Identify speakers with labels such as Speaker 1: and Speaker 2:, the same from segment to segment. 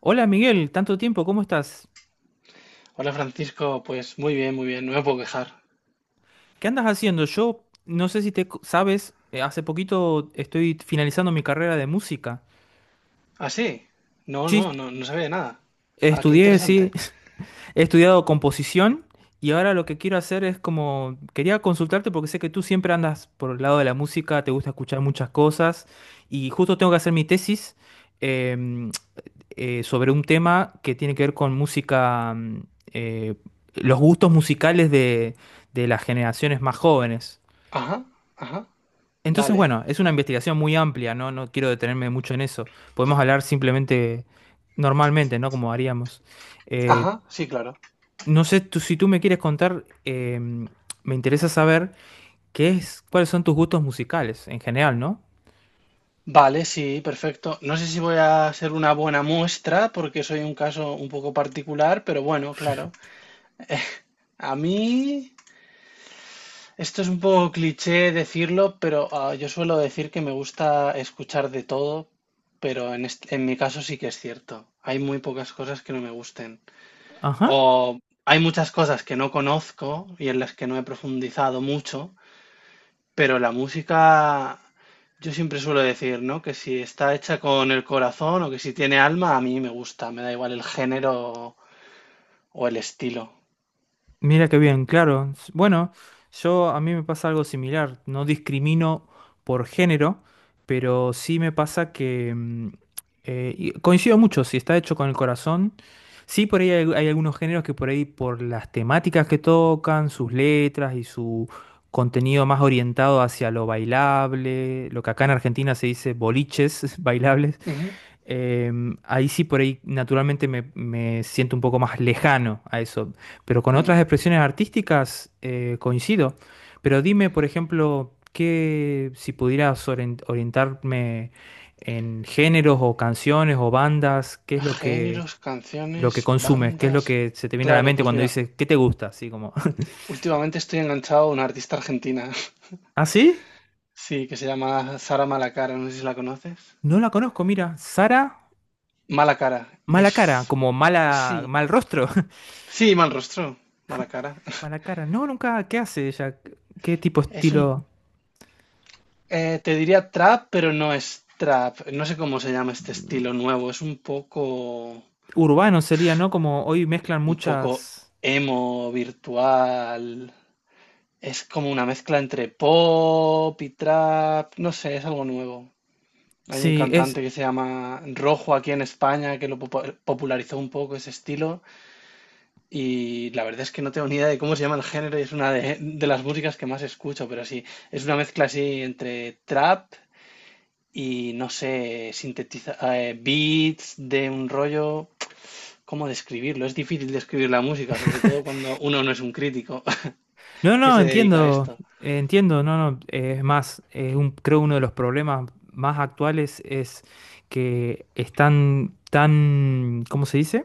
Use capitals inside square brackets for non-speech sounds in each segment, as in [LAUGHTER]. Speaker 1: Hola Miguel, tanto tiempo, ¿cómo estás?
Speaker 2: Hola Francisco, pues muy bien, no me puedo quejar.
Speaker 1: ¿Qué andas haciendo? Yo no sé si sabes, hace poquito estoy finalizando mi carrera de música.
Speaker 2: ¿Ah, sí? No,
Speaker 1: Sí,
Speaker 2: no, no, no sabía nada. Ah, qué
Speaker 1: estudié, sí,
Speaker 2: interesante.
Speaker 1: [LAUGHS] he estudiado composición y ahora lo que quiero hacer es como, quería consultarte porque sé que tú siempre andas por el lado de la música, te gusta escuchar muchas cosas y justo tengo que hacer mi tesis em, sobre un tema que tiene que ver con música, eh, los gustos musicales de las generaciones más jóvenes.
Speaker 2: Ajá, ajá,
Speaker 1: Entonces,
Speaker 2: vale.
Speaker 1: bueno, es una investigación muy amplia, ¿no? No quiero detenerme mucho en eso. Podemos hablar simplemente normalmente, ¿no? Como haríamos. Eh,
Speaker 2: Ajá, sí, claro.
Speaker 1: no sé, si tú me quieres contar, me interesa saber cuáles son tus gustos musicales en general, ¿no?
Speaker 2: Vale, sí, perfecto. No sé si voy a ser una buena muestra porque soy un caso un poco particular, pero bueno, claro. A mí, esto es un poco cliché decirlo, pero yo suelo decir que me gusta escuchar de todo, pero en mi caso sí que es cierto. Hay muy pocas cosas que no me gusten.
Speaker 1: Ajá.
Speaker 2: O hay muchas cosas que no conozco y en las que no he profundizado mucho, pero la música, yo siempre suelo decir, ¿no? Que si está hecha con el corazón o que si tiene alma, a mí me gusta, me da igual el género o el estilo.
Speaker 1: Mira qué bien, claro. Bueno, yo a mí me pasa algo similar. No discrimino por género, pero sí me pasa que y coincido mucho. Si está hecho con el corazón, sí por ahí hay algunos géneros que por ahí por las temáticas que tocan, sus letras y su contenido más orientado hacia lo bailable, lo que acá en Argentina se dice boliches [LAUGHS] bailables.
Speaker 2: Ujú,
Speaker 1: Ahí sí, por ahí naturalmente me siento un poco más lejano a eso, pero con otras
Speaker 2: mm.
Speaker 1: expresiones artísticas coincido. Pero dime, por ejemplo, que si pudieras orientarme en géneros o canciones o bandas, ¿qué es
Speaker 2: Géneros,
Speaker 1: lo que
Speaker 2: canciones,
Speaker 1: consumes? ¿Qué es lo
Speaker 2: bandas.
Speaker 1: que se te viene a la
Speaker 2: Claro,
Speaker 1: mente
Speaker 2: pues
Speaker 1: cuando
Speaker 2: mira,
Speaker 1: dices, ¿qué te gusta? Así como, [LAUGHS]
Speaker 2: últimamente estoy enganchado a una artista argentina, [LAUGHS]
Speaker 1: ¿ah, sí?
Speaker 2: sí, que se llama Sara Malacara, no sé si la conoces.
Speaker 1: No la conozco, mira, Sara,
Speaker 2: Mala cara,
Speaker 1: mala
Speaker 2: es...
Speaker 1: cara, como
Speaker 2: Sí,
Speaker 1: mala, mal rostro. [LAUGHS]
Speaker 2: sí, mal rostro, mala cara.
Speaker 1: Mala cara, no, nunca, ¿qué hace ella? ¿Qué tipo de
Speaker 2: Es un,
Speaker 1: estilo?
Speaker 2: Te diría trap, pero no es trap. No sé cómo se llama este estilo nuevo.
Speaker 1: Urbano sería, ¿no? Como hoy mezclan
Speaker 2: Un poco
Speaker 1: muchas...
Speaker 2: emo virtual. Es como una mezcla entre pop y trap. No sé, es algo nuevo. Hay un
Speaker 1: Sí, es...
Speaker 2: cantante que se llama Rojo aquí en España que lo popularizó un poco ese estilo. Y la verdad es que no tengo ni idea de cómo se llama el género y es de las músicas que más escucho, pero sí, es una mezcla así entre trap y no sé, sintetiza beats de un rollo, ¿cómo describirlo? Es difícil describir la música, sobre todo cuando uno no es un crítico
Speaker 1: No,
Speaker 2: [LAUGHS] que
Speaker 1: no,
Speaker 2: se dedica a
Speaker 1: entiendo,
Speaker 2: esto.
Speaker 1: entiendo, no, no, es más, creo uno de los problemas más actuales es que están tan, ¿cómo se dice?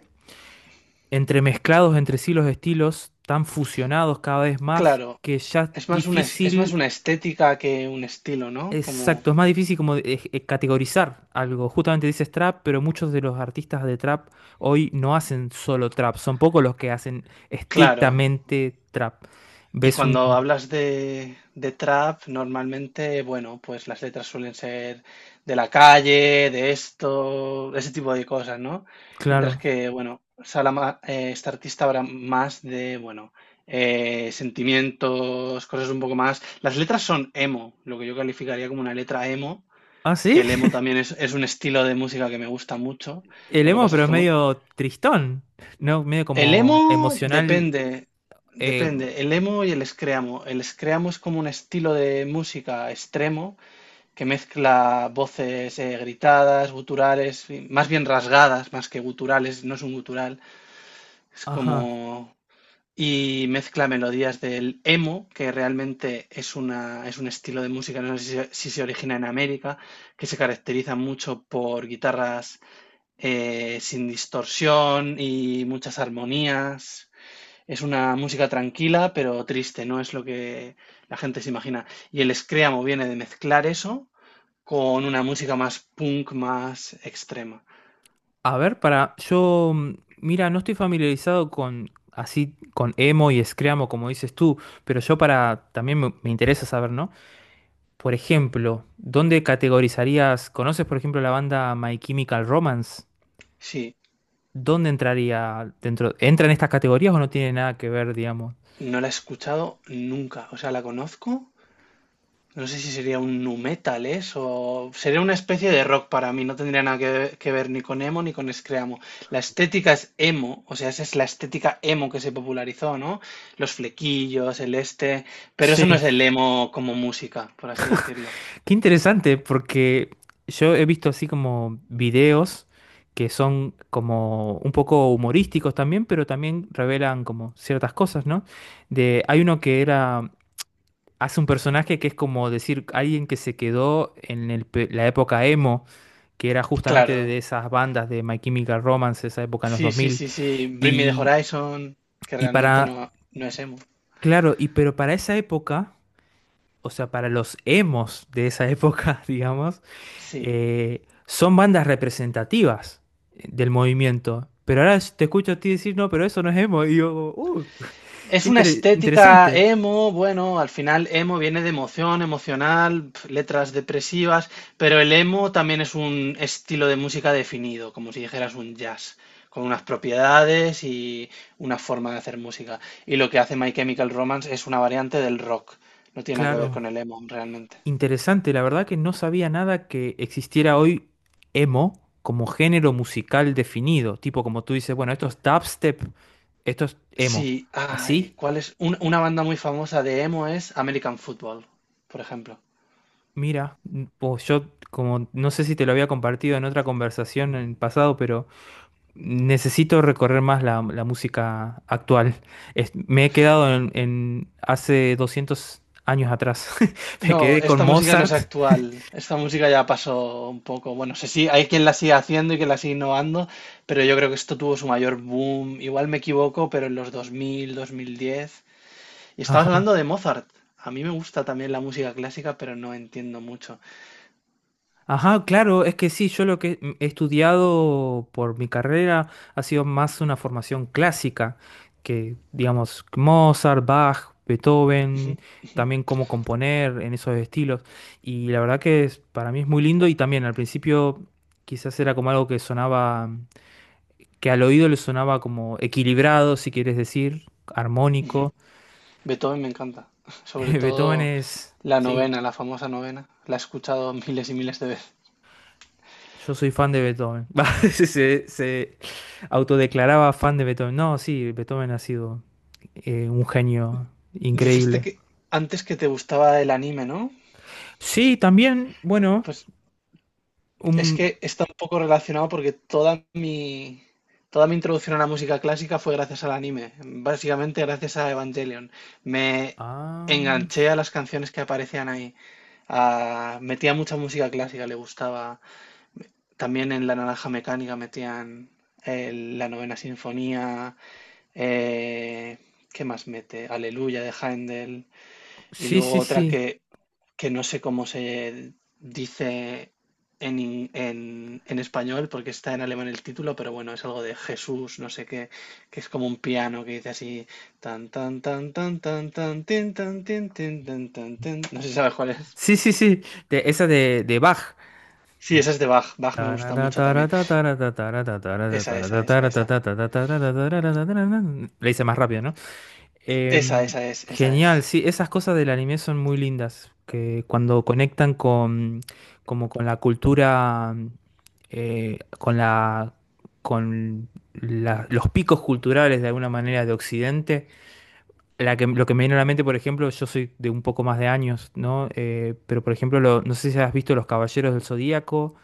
Speaker 1: Entremezclados entre sí los estilos, tan fusionados cada vez más,
Speaker 2: Claro,
Speaker 1: que ya es
Speaker 2: es más
Speaker 1: difícil.
Speaker 2: una estética que un estilo, ¿no? Como,
Speaker 1: Exacto, es más difícil como categorizar algo. Justamente dices trap, pero muchos de los artistas de trap hoy no hacen solo trap, son pocos los que hacen
Speaker 2: claro,
Speaker 1: estrictamente trap.
Speaker 2: y
Speaker 1: Ves un...
Speaker 2: cuando hablas de trap, normalmente, bueno, pues las letras suelen ser de la calle, de esto, ese tipo de cosas, ¿no? Mientras
Speaker 1: Claro.
Speaker 2: que, bueno, Salama, este artista habla más de, bueno, sentimientos, cosas un poco más. Las letras son emo, lo que yo calificaría como una letra emo,
Speaker 1: Ah,
Speaker 2: que
Speaker 1: sí.
Speaker 2: el emo también es un estilo de música que me gusta mucho.
Speaker 1: El
Speaker 2: Lo que
Speaker 1: emo,
Speaker 2: pasa es
Speaker 1: pero es
Speaker 2: que
Speaker 1: medio tristón, ¿no? Medio
Speaker 2: el emo
Speaker 1: como emocional.
Speaker 2: depende,
Speaker 1: eh,
Speaker 2: depende. El emo y el screamo. El screamo es como un estilo de música extremo que mezcla voces gritadas, guturales, y más bien rasgadas, más que guturales, no es un gutural. Es
Speaker 1: ajá.
Speaker 2: como... Y mezcla melodías del emo, que realmente es un estilo de música, no sé si se origina en América, que se caracteriza mucho por guitarras sin distorsión y muchas armonías. Es una música tranquila, pero triste, no es lo que la gente se imagina. Y el screamo viene de mezclar eso con una música más punk, más extrema.
Speaker 1: A ver, para... Yo, mira, no estoy familiarizado con... Así con emo y screamo, como dices tú, pero yo para también me interesa saber, ¿no? Por ejemplo, ¿dónde categorizarías? ¿Conoces, por ejemplo, la banda My Chemical Romance?
Speaker 2: Sí,
Speaker 1: ¿Dónde entraría dentro? ¿Entra en estas categorías o no tiene nada que ver, digamos?
Speaker 2: no la he escuchado nunca, o sea, la conozco. No sé si sería un nu metal eso, sería una especie de rock para mí, no tendría nada que ver ni con emo ni con screamo. La estética es emo, o sea, esa es la estética emo que se popularizó, ¿no? Los flequillos, el este, pero eso no
Speaker 1: Sí,
Speaker 2: es el emo como música, por así decirlo.
Speaker 1: qué interesante, porque yo he visto así como videos que son como un poco humorísticos también, pero también revelan como ciertas cosas, ¿no? De, hay uno que era, hace un personaje que es como decir alguien que se quedó en el la época emo, que era justamente
Speaker 2: Claro,
Speaker 1: de esas bandas de My Chemical Romance, esa época en los
Speaker 2: sí,
Speaker 1: dos
Speaker 2: sí,
Speaker 1: mil
Speaker 2: sí, sí. Bring Me the
Speaker 1: Y,
Speaker 2: Horizon, que
Speaker 1: y
Speaker 2: realmente
Speaker 1: para,
Speaker 2: no, no es emo.
Speaker 1: claro, y pero para esa época, o sea, para los emos de esa época, [LAUGHS] digamos,
Speaker 2: Sí.
Speaker 1: son bandas representativas del movimiento. Pero ahora te escucho a ti decir, no, pero eso no es emo. Y yo,
Speaker 2: Es
Speaker 1: qué
Speaker 2: una estética
Speaker 1: interesante.
Speaker 2: emo, bueno, al final emo viene de emoción, emocional, pf, letras depresivas, pero el emo también es un estilo de música definido, como si dijeras un jazz, con unas propiedades y una forma de hacer música. Y lo que hace My Chemical Romance es una variante del rock, no tiene nada que ver
Speaker 1: Claro.
Speaker 2: con el emo realmente.
Speaker 1: Interesante, la verdad que no sabía nada que existiera hoy emo como género musical definido, tipo como tú dices, bueno, esto es dubstep, esto es emo.
Speaker 2: Sí, ay,
Speaker 1: ¿Así?
Speaker 2: ¿cuál es? Una banda muy famosa de emo es American Football, por ejemplo.
Speaker 1: Mira, pues yo como no sé si te lo había compartido en otra conversación en el pasado, pero necesito recorrer más la música actual. Me he quedado en hace 200 años atrás. [LAUGHS] Me
Speaker 2: No,
Speaker 1: quedé con
Speaker 2: esta música no es
Speaker 1: Mozart.
Speaker 2: actual. Esta música ya pasó un poco. Bueno, sé si hay quien la sigue haciendo y quien la sigue innovando, pero yo creo que esto tuvo su mayor boom. Igual me equivoco, pero en los 2000, 2010. Y estabas
Speaker 1: Ajá.
Speaker 2: hablando de Mozart. A mí me gusta también la música clásica, pero no entiendo mucho.
Speaker 1: Ajá, claro, es que sí, yo lo que he estudiado por mi carrera ha sido más una formación clásica, que digamos Mozart, Bach,
Speaker 2: Ujú,
Speaker 1: Beethoven,
Speaker 2: ujú,
Speaker 1: también cómo componer en esos estilos. Y la verdad que para mí es muy lindo y también al principio quizás era como algo que sonaba, que al oído le sonaba como equilibrado, si quieres decir,
Speaker 2: ujú.
Speaker 1: armónico.
Speaker 2: Beethoven me encanta. [LAUGHS]
Speaker 1: [LAUGHS]
Speaker 2: Sobre
Speaker 1: Beethoven
Speaker 2: todo
Speaker 1: es,
Speaker 2: la
Speaker 1: sí.
Speaker 2: novena, la famosa novena. La he escuchado miles y miles de veces.
Speaker 1: Yo soy fan de Beethoven. [LAUGHS] Va, se autodeclaraba fan de Beethoven. No, sí, Beethoven ha sido un genio
Speaker 2: Dijiste
Speaker 1: increíble.
Speaker 2: que antes que te gustaba el anime, ¿no?
Speaker 1: Sí, también, bueno,
Speaker 2: Pues es
Speaker 1: un...
Speaker 2: que está un poco relacionado porque toda mi introducción a la música clásica fue gracias al anime, básicamente gracias a Evangelion. Me
Speaker 1: Ah,
Speaker 2: enganché a las canciones que aparecían ahí. Ah, metía mucha música clásica, le gustaba. También en La Naranja Mecánica metían la Novena Sinfonía. eh, ¿Qué más mete? Aleluya de Händel. Y
Speaker 1: sí,
Speaker 2: luego
Speaker 1: sí,
Speaker 2: otra
Speaker 1: sí.
Speaker 2: que no sé cómo se dice en, en español porque está en alemán el título, pero bueno, es algo de Jesús, no sé qué, que es como un piano que dice así tan tan tan tan tan tan tin, tin, tan tan tin. No sé si sabes cuál es.
Speaker 1: Sí, sí, sí. Esa de Bach.
Speaker 2: Sí, esa es de Bach. Bach me gusta mucho también. Esa, esa, esa, esa.
Speaker 1: Le hice más rápido, ¿no?
Speaker 2: Esa,
Speaker 1: Em,
Speaker 2: esa es, esa es.
Speaker 1: genial, sí, esas cosas del anime son muy lindas, que cuando conectan con, como con la cultura, con la, con los picos culturales de alguna manera de Occidente. La que, lo que me viene a la mente, por ejemplo, yo soy de un poco más de años, ¿no? Pero por ejemplo, no sé si has visto Los Caballeros del Zodíaco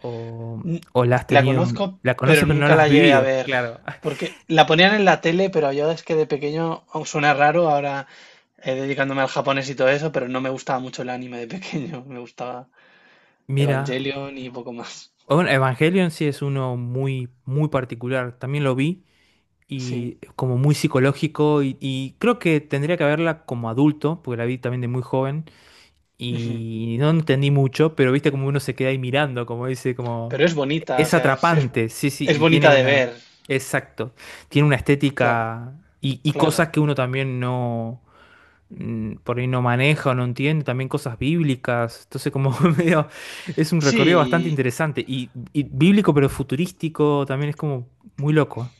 Speaker 1: o,
Speaker 2: N-
Speaker 1: o la has
Speaker 2: La
Speaker 1: tenido,
Speaker 2: conozco,
Speaker 1: la conoces
Speaker 2: pero
Speaker 1: pero no
Speaker 2: nunca
Speaker 1: la has
Speaker 2: la llegué a
Speaker 1: vivido,
Speaker 2: ver.
Speaker 1: claro. [LAUGHS]
Speaker 2: Porque la ponían en la tele, pero yo es que de pequeño aun suena raro ahora. Dedicándome al japonés y todo eso, pero no me gustaba mucho el anime de pequeño. [LAUGHS] Me gustaba
Speaker 1: Mira.
Speaker 2: Evangelion y poco más.
Speaker 1: Bueno, Evangelion sí es uno muy, muy particular. También lo vi y
Speaker 2: Sí.
Speaker 1: como muy psicológico y creo que tendría que verla como adulto, porque la vi también de muy joven
Speaker 2: Ujú.
Speaker 1: y no entendí mucho, pero viste como uno se queda ahí mirando, como dice, como
Speaker 2: Pero es bonita, o
Speaker 1: es
Speaker 2: sea,
Speaker 1: atrapante, sí, sí,
Speaker 2: es
Speaker 1: y tiene
Speaker 2: bonita de
Speaker 1: una,
Speaker 2: ver.
Speaker 1: exacto, tiene una
Speaker 2: Claro,
Speaker 1: estética y
Speaker 2: claro.
Speaker 1: cosas que uno también no por ahí no maneja o no entiende, también cosas bíblicas. Entonces, como [LAUGHS] medio, es un recorrido bastante
Speaker 2: Sí,
Speaker 1: interesante. Y bíblico, pero futurístico, también es como muy loco.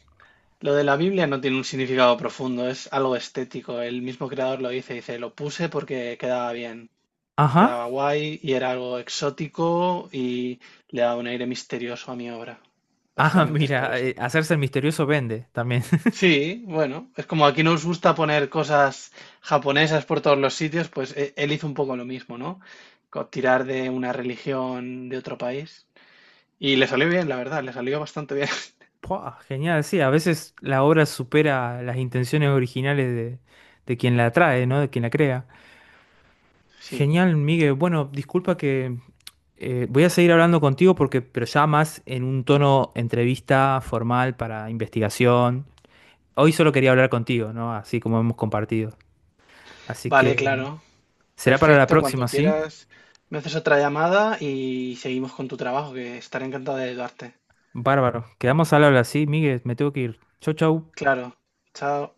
Speaker 2: lo de la Biblia no tiene un significado profundo, es algo estético. El mismo creador lo dice, dice, lo puse porque quedaba bien,
Speaker 1: Ajá.
Speaker 2: quedaba guay y era algo exótico y le daba un aire misterioso a mi obra.
Speaker 1: Ah, [LAUGHS]
Speaker 2: Básicamente es por
Speaker 1: mira,
Speaker 2: eso.
Speaker 1: hacerse el misterioso vende también. [LAUGHS]
Speaker 2: Sí, bueno, es como aquí nos gusta poner cosas japonesas por todos los sitios, pues él hizo un poco lo mismo, ¿no? Co- Tirar de una religión de otro país. Y le salió bien, la verdad, le salió bastante bien. [LAUGHS]
Speaker 1: Puah, genial, sí, a veces la obra supera las intenciones originales de quien la trae, ¿no? De quien la crea.
Speaker 2: Sí,
Speaker 1: Genial, Miguel. Bueno, disculpa que voy a seguir hablando contigo porque, pero ya más en un tono entrevista formal para investigación. Hoy solo quería hablar contigo, ¿no? Así como hemos compartido. Así
Speaker 2: vale,
Speaker 1: que
Speaker 2: claro.
Speaker 1: será para la
Speaker 2: Perfecto, cuando
Speaker 1: próxima, ¿sí?
Speaker 2: quieras me haces otra llamada y seguimos con tu trabajo, que estaré encantado de ayudarte.
Speaker 1: Bárbaro. Quedamos al habla, ¿sí? Miguel, me tengo que ir. Chau, chau.
Speaker 2: Claro, chao.